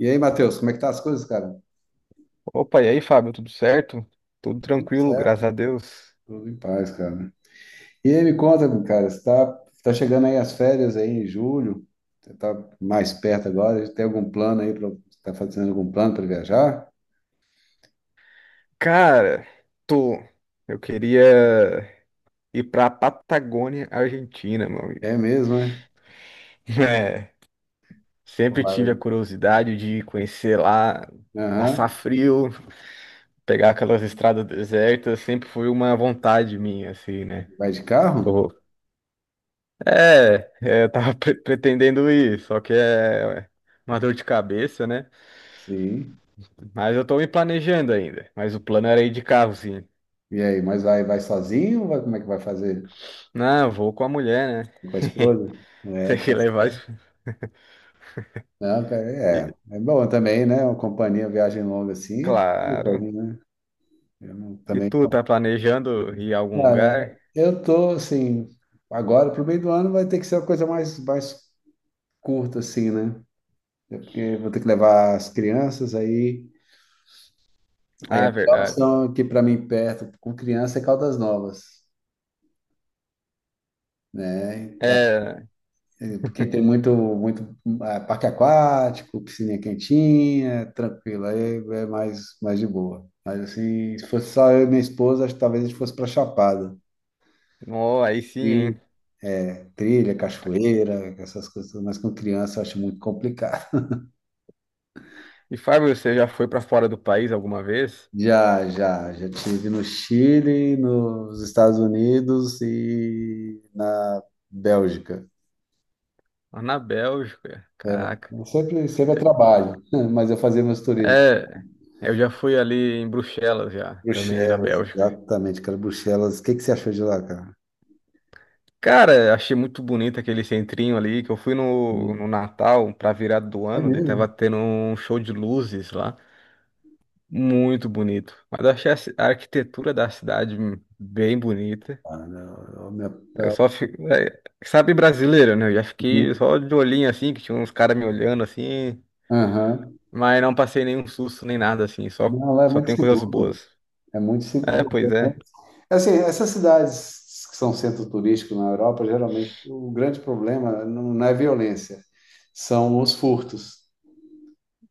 E aí, Matheus, como é que tá as coisas, cara? Opa, e aí, Fábio, tudo certo? Tudo Tudo tranquilo, graças certo, a Deus. tudo em paz, cara. E aí, me conta, cara, tá chegando aí as férias aí em julho, você tá mais perto agora, tem algum plano aí, você tá fazendo algum plano para viajar? Cara, tô. Eu queria ir pra Patagônia, Argentina, meu amigo. É mesmo, né? É, sempre tive a Claro. curiosidade de conhecer lá, passar Aham. frio, pegar aquelas estradas desertas, sempre foi uma vontade minha, assim, né? Vai de carro? Tô... É, eu tava pretendendo ir, só que é uma dor de cabeça, né? Sim. Mas eu tô me planejando ainda. Mas o plano era ir de carro, sim. E aí, mas vai sozinho ou como é que vai fazer? Não, eu vou com a mulher, né? Com a esposa? É, Tem que tá levar certo. isso. Não, cara, E- é bom também, né? Uma companhia, viagem longa assim, tudo claro. pode, né? Eu não- E também tu tá planejando ir a algum Cara, lugar? eu tô assim, agora pro meio do ano vai ter que ser uma coisa mais curta, assim, né? É. Porque vou ter que levar as crianças, aí Ah, a é melhor verdade. opção aqui para mim perto com criança é Caldas Novas, né? E É, porque tem muito parque aquático, piscininha quentinha, tranquilo, aí é mais de boa. Mas assim, se fosse só eu e minha esposa, acho que talvez a gente fosse para Chapada. no, aí sim, E hein? é, trilha, cachoeira, essas coisas, mas com criança eu acho muito complicado. E Fábio, você já foi pra fora do país alguma vez? Já tive no Chile, nos Estados Unidos e na Bélgica. Lá na Bélgica, É, caraca. Sempre é É, trabalho, mas eu fazia meus turismos. é, eu já fui ali em Bruxelas já, também na Bruxelas, Bélgica. exatamente, cara, Bruxelas. O que que você achou de lá, cara? Cara, achei muito bonito aquele centrinho ali, que eu fui no Hum. Natal, pra virada do É ano, e tava mesmo? tendo um show de luzes lá. Muito bonito. Mas eu achei a a arquitetura da cidade bem bonita. Ah, não, eu, minha, Eu eu- só fico. É, sabe, brasileiro, né? Eu já fiquei Uhum. só de olhinho assim, que tinha uns caras me olhando assim. Aham. Mas não passei nenhum susto nem nada assim. Só, Não, lá é só muito tem coisas seguro. boas. É muito É, seguro. pois é. Assim, essas cidades que são centro turístico na Europa, geralmente o grande problema não é violência, são os furtos,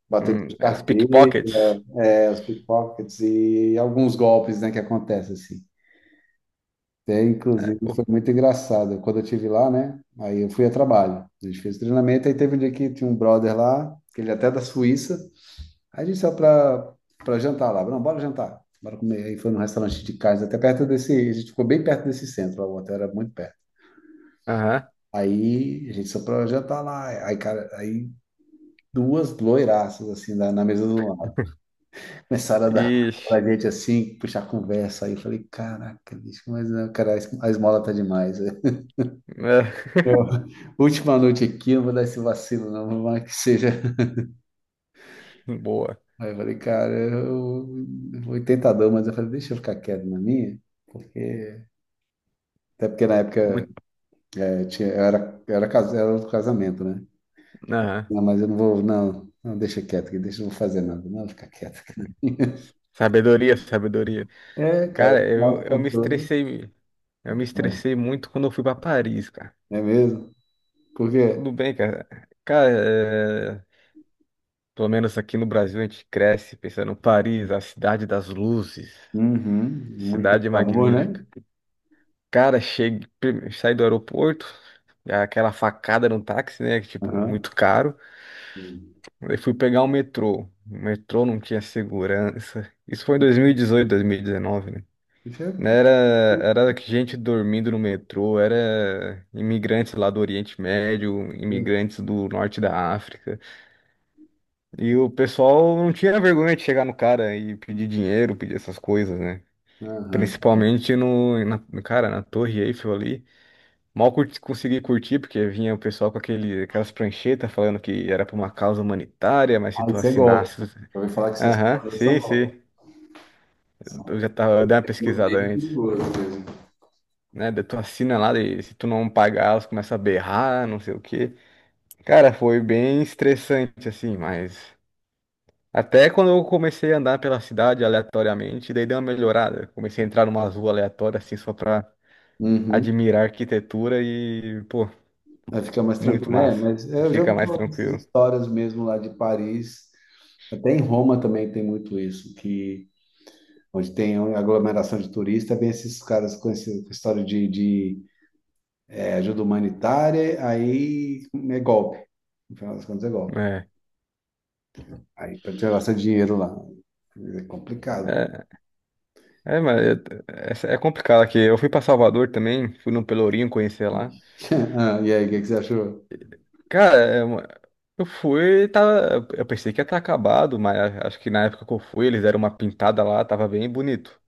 batedor de É os carteira, pickpockets. é, os pickpockets e alguns golpes, né, que acontecem assim. Até, É, inclusive, o- foi muito engraçado. Quando eu estive lá, né, aí eu fui a trabalho. A gente fez treinamento, aí teve um dia que tinha um brother lá, que ele é até da Suíça, aí a gente saiu para jantar lá. Não, bora jantar, bora comer. Aí foi num restaurante de casa, até perto desse, a gente ficou bem perto desse centro, lá, o hotel era muito perto. Aham. Aí a gente só pra jantar lá. Aí, cara, aí duas loiraças, assim, na mesa do lado. Começaram a dar pra Ixi. gente, assim, puxar conversa. Aí eu falei, caraca, bicho, mas, não, cara, a esmola tá demais. É. Eu, última noite aqui, eu não vou dar esse vacilo, não, por mais que seja. Boa. Aí eu falei, eu fui tentador, mas eu falei, deixa eu ficar quieto na minha. Porque, até porque na época Muito. eu, tinha, eu era, cas- era do casamento, né? Aham. Não, mas eu não vou, não, deixa quieto, que deixa eu não vou fazer nada, não, fica quieto. Sabedoria, sabedoria. É, cara, Cara, eu me autocontrole. estressei. Eu me estressei muito quando eu fui pra Paris, cara. É, é mesmo? Tudo Porque, bem, cara. Cara, é, pelo menos aqui no Brasil a gente cresce pensando em Paris, a cidade das luzes, uhum, muito cidade amor, magnífica. né? Cara, cheguei, prime- saí do aeroporto, já aquela facada no táxi, né? Que, tipo, Aham. muito caro. Sim. Aí fui pegar o metrô. O metrô não tinha segurança. Isso foi em 2018, 2019, né? Isso é é Era, era gente dormindo no metrô, era imigrantes lá do Oriente Médio, mesmo. imigrantes do norte da África. E o pessoal não tinha vergonha de chegar no cara e pedir dinheiro, pedir essas coisas, né? Aham. Principalmente no, na, cara, na Torre Eiffel ali. Mal curti, consegui curtir, porque vinha o pessoal com aquele, aquelas pranchetas falando que era pra uma causa humanitária, mas se Ah, tu isso é golpe. assinasse. Já ouvi falar que essas Aham, coisas são sim, golpes. sim. Eu São já tava, eu dei uma pesquisada bem antes. perigosas mesmo. Né? Daí tu assina lá, e se tu não pagar, elas começam a berrar, não sei o quê. Cara, foi bem estressante, assim, mas. Até quando eu comecei a andar pela cidade aleatoriamente, daí deu uma melhorada. Comecei a entrar numa rua aleatória, assim, só pra Uhum. admirar a arquitetura e, pô, Aí fica mais muito tranquilo, né? massa. Mas é, eu já Fica ouvi mais falar dessas tranquilo. histórias mesmo lá de Paris. Até em Roma também tem muito isso, que onde tem aglomeração de turista, vem esses caras com, esse, com história de é ajuda humanitária, aí é golpe. No final das contas, é golpe. É, Aí para tirar seu dinheiro lá. É complicado, cara. é, é, mas é complicado aqui. Eu fui pra Salvador também, fui no Pelourinho conhecer lá. Ah, e aí, que você achou? Cara, é uma- eu fui, tava, eu pensei que ia estar acabado, mas acho que na época que eu fui, eles deram uma pintada lá, tava bem bonito.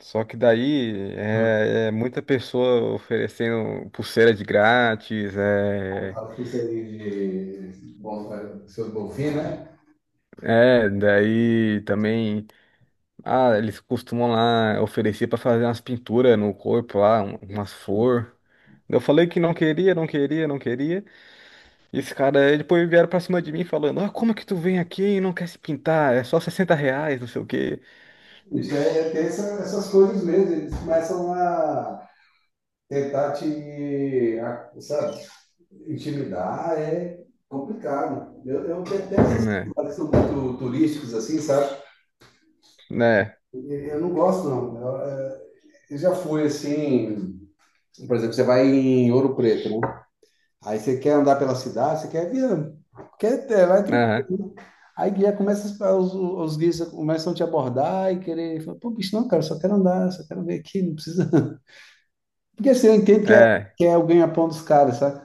Só que daí Ah, é muita pessoa oferecendo pulseira de grátis, aquela pulseirinha de bom, seus golfinhos, né? Daí também, ah, eles costumam lá oferecer para fazer umas pinturas no corpo lá, umas flor. Eu falei que não queria, não queria, não queria. E esse cara, aí depois vieram pra cima de mim falando, ah, como é que tu vem aqui e não quer se pintar? É só 60 reais, não sei o quê. Isso é é ter essas coisas mesmo. Eles começam a sabe, intimidar. É complicado. Eu detesto esses Né, lugares que são muito turísticos, assim, sabe? né, Eu eu não gosto, não. Eu já fui, assim, por exemplo, você vai em Ouro Preto, né? Aí você quer andar pela cidade, você quer via, quer ter, vai tranquilo, aham, né? Aí já começa, os guias começam a te abordar e querer, fala, pô, bicho, não, cara, só quero andar, só quero ver aqui, não precisa. Porque assim, eu entendo é, que é o ganha-pão dos caras, sabe?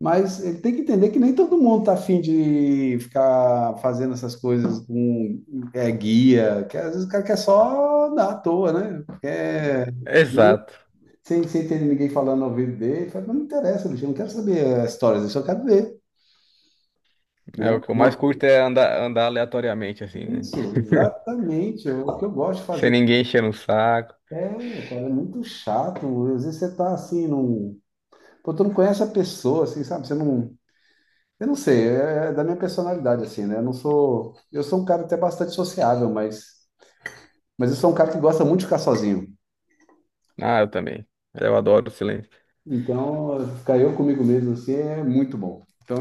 Mas ele tem que entender que nem todo mundo tá afim de ficar fazendo essas coisas com é, guia, que às vezes o cara quer só andar à toa, né? Quer exato. Sem ter ninguém falando ao ouvido dele, ele fala, não me interessa, bicho, eu não quero saber a história, eu só quero ver, É, né? o que eu Uma mais coisa, curto é andar, andar aleatoriamente, assim, é né? isso, exatamente, o que eu gosto de Sem fazer ninguém enchendo o saco. é, cara, é muito chato, às vezes você tá assim, num... Pô, tu não conhece a pessoa, assim, sabe? Você não... Eu não sei, é é da minha personalidade, assim, né? Eu não sou... Eu sou um cara até bastante sociável, mas... Mas eu sou um cara que gosta muito de ficar sozinho. Ah, eu também. Eu adoro o silêncio. Então, ficar eu comigo mesmo, assim, é muito bom. Então,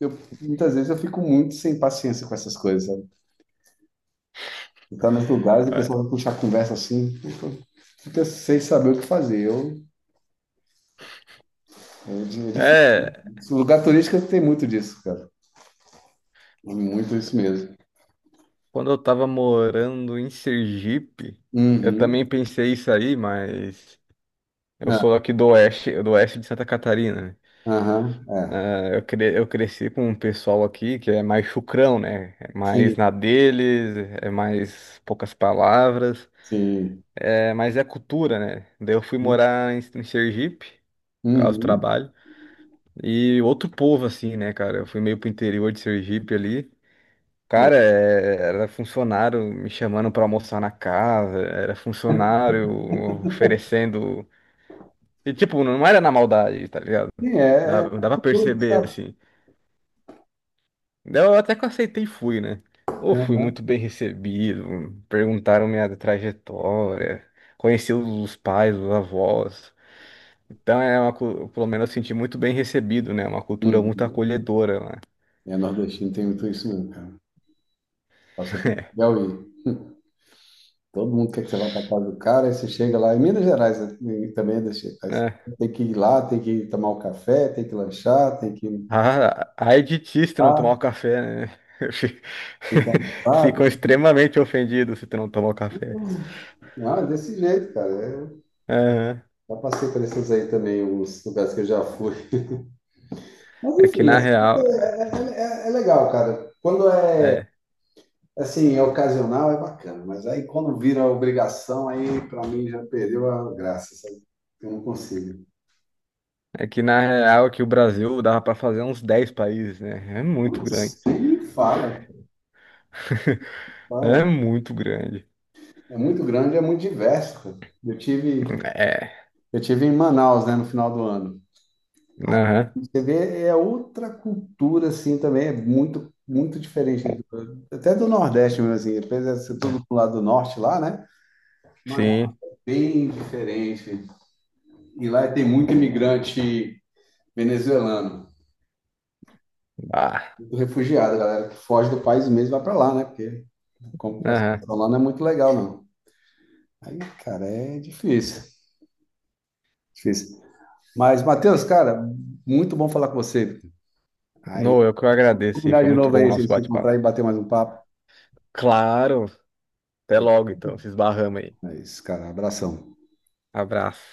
muitas vezes eu fico muito sem paciência com essas coisas, e tá nos lugares e o É, pessoal vai puxar conversa assim, fica sem saber o que fazer. É difícil. é, Lugar turístico tem muito disso, cara. Muito isso mesmo. quando eu tava morando em Sergipe, eu Uhum. também pensei isso aí, mas eu sou Ah. aqui do oeste de Santa Catarina, né? Aham, é. É, eu, eu cresci com um pessoal aqui que é mais chucrão, né? É Sim, mais na deles, é mais poucas palavras, sim. é, mas é cultura, né? Daí eu fui morar em Sergipe, por causa do Uhum. trabalho, e outro povo assim, né, cara? Eu fui meio pro interior de Sergipe ali. É. Cara, é- era funcionário me chamando pra almoçar na casa, era funcionário oferecendo. E, tipo, não era na maldade, tá ligado? Sim, é, é Dava pra cultura, perceber, sabe? assim. Daí eu até que eu aceitei e fui, né? Ou fui Aham. muito bem recebido, perguntaram minha trajetória, conheci os pais, os avós. Então, é uma, cu- pelo menos eu senti muito bem recebido, né? Uma cultura muito Uhum. acolhedora lá. É, nordestino tem muito isso mesmo, cara. Passa por Piauí. Todo mundo quer que você vá para casa do cara, aí você chega lá. Em Minas Gerais né, e também é desse jeito. Aí você tem que ir lá, tem que tomar um café, tem que lanchar, tem que ir Ah, ai de ti se tu não tomar lá. o café, né? Fi- Fico Ficam cansado. extremamente ofendidos se tu não tomar o café. Ah, desse jeito, cara. É, Aham. já passei por esses aí também, alguns lugares que eu já fui. Mas É que enfim, na assim, real, é, é legal, cara. Quando é, é, assim, é ocasional, é bacana. Mas aí quando vira obrigação, aí pra mim já perdeu a graça, sabe? Eu não consigo. Que na real que o Brasil dava pra fazer uns 10 países, né? É muito grande. Putz, nem fala, É fala. muito grande. É muito grande, é muito diverso, cara. Eu tive, É. eu tive em Manaus, né, no final do ano. Aí Aham. você vê, é outra cultura, assim, também, muito diferente, até do Nordeste mesmo, assim, apesar de ser tudo pro lado do Norte lá, né? Mas Sim. bem diferente. E lá tem muito imigrante venezuelano, Ah. muito refugiado, galera que foge do país mesmo e vai para lá, né? Porque como passar Aham. lá não é muito legal, não. Aí, cara, é difícil. Mas, Matheus, cara, muito bom falar com você. Aí, No, eu que eu vamos agradeço. E combinar foi de muito novo bom o aí, se a nosso gente se bate-papo. encontrar e bater mais um papo. Claro. Até logo, então. Se esbarramos aí. É isso, cara. Abração. Abraço.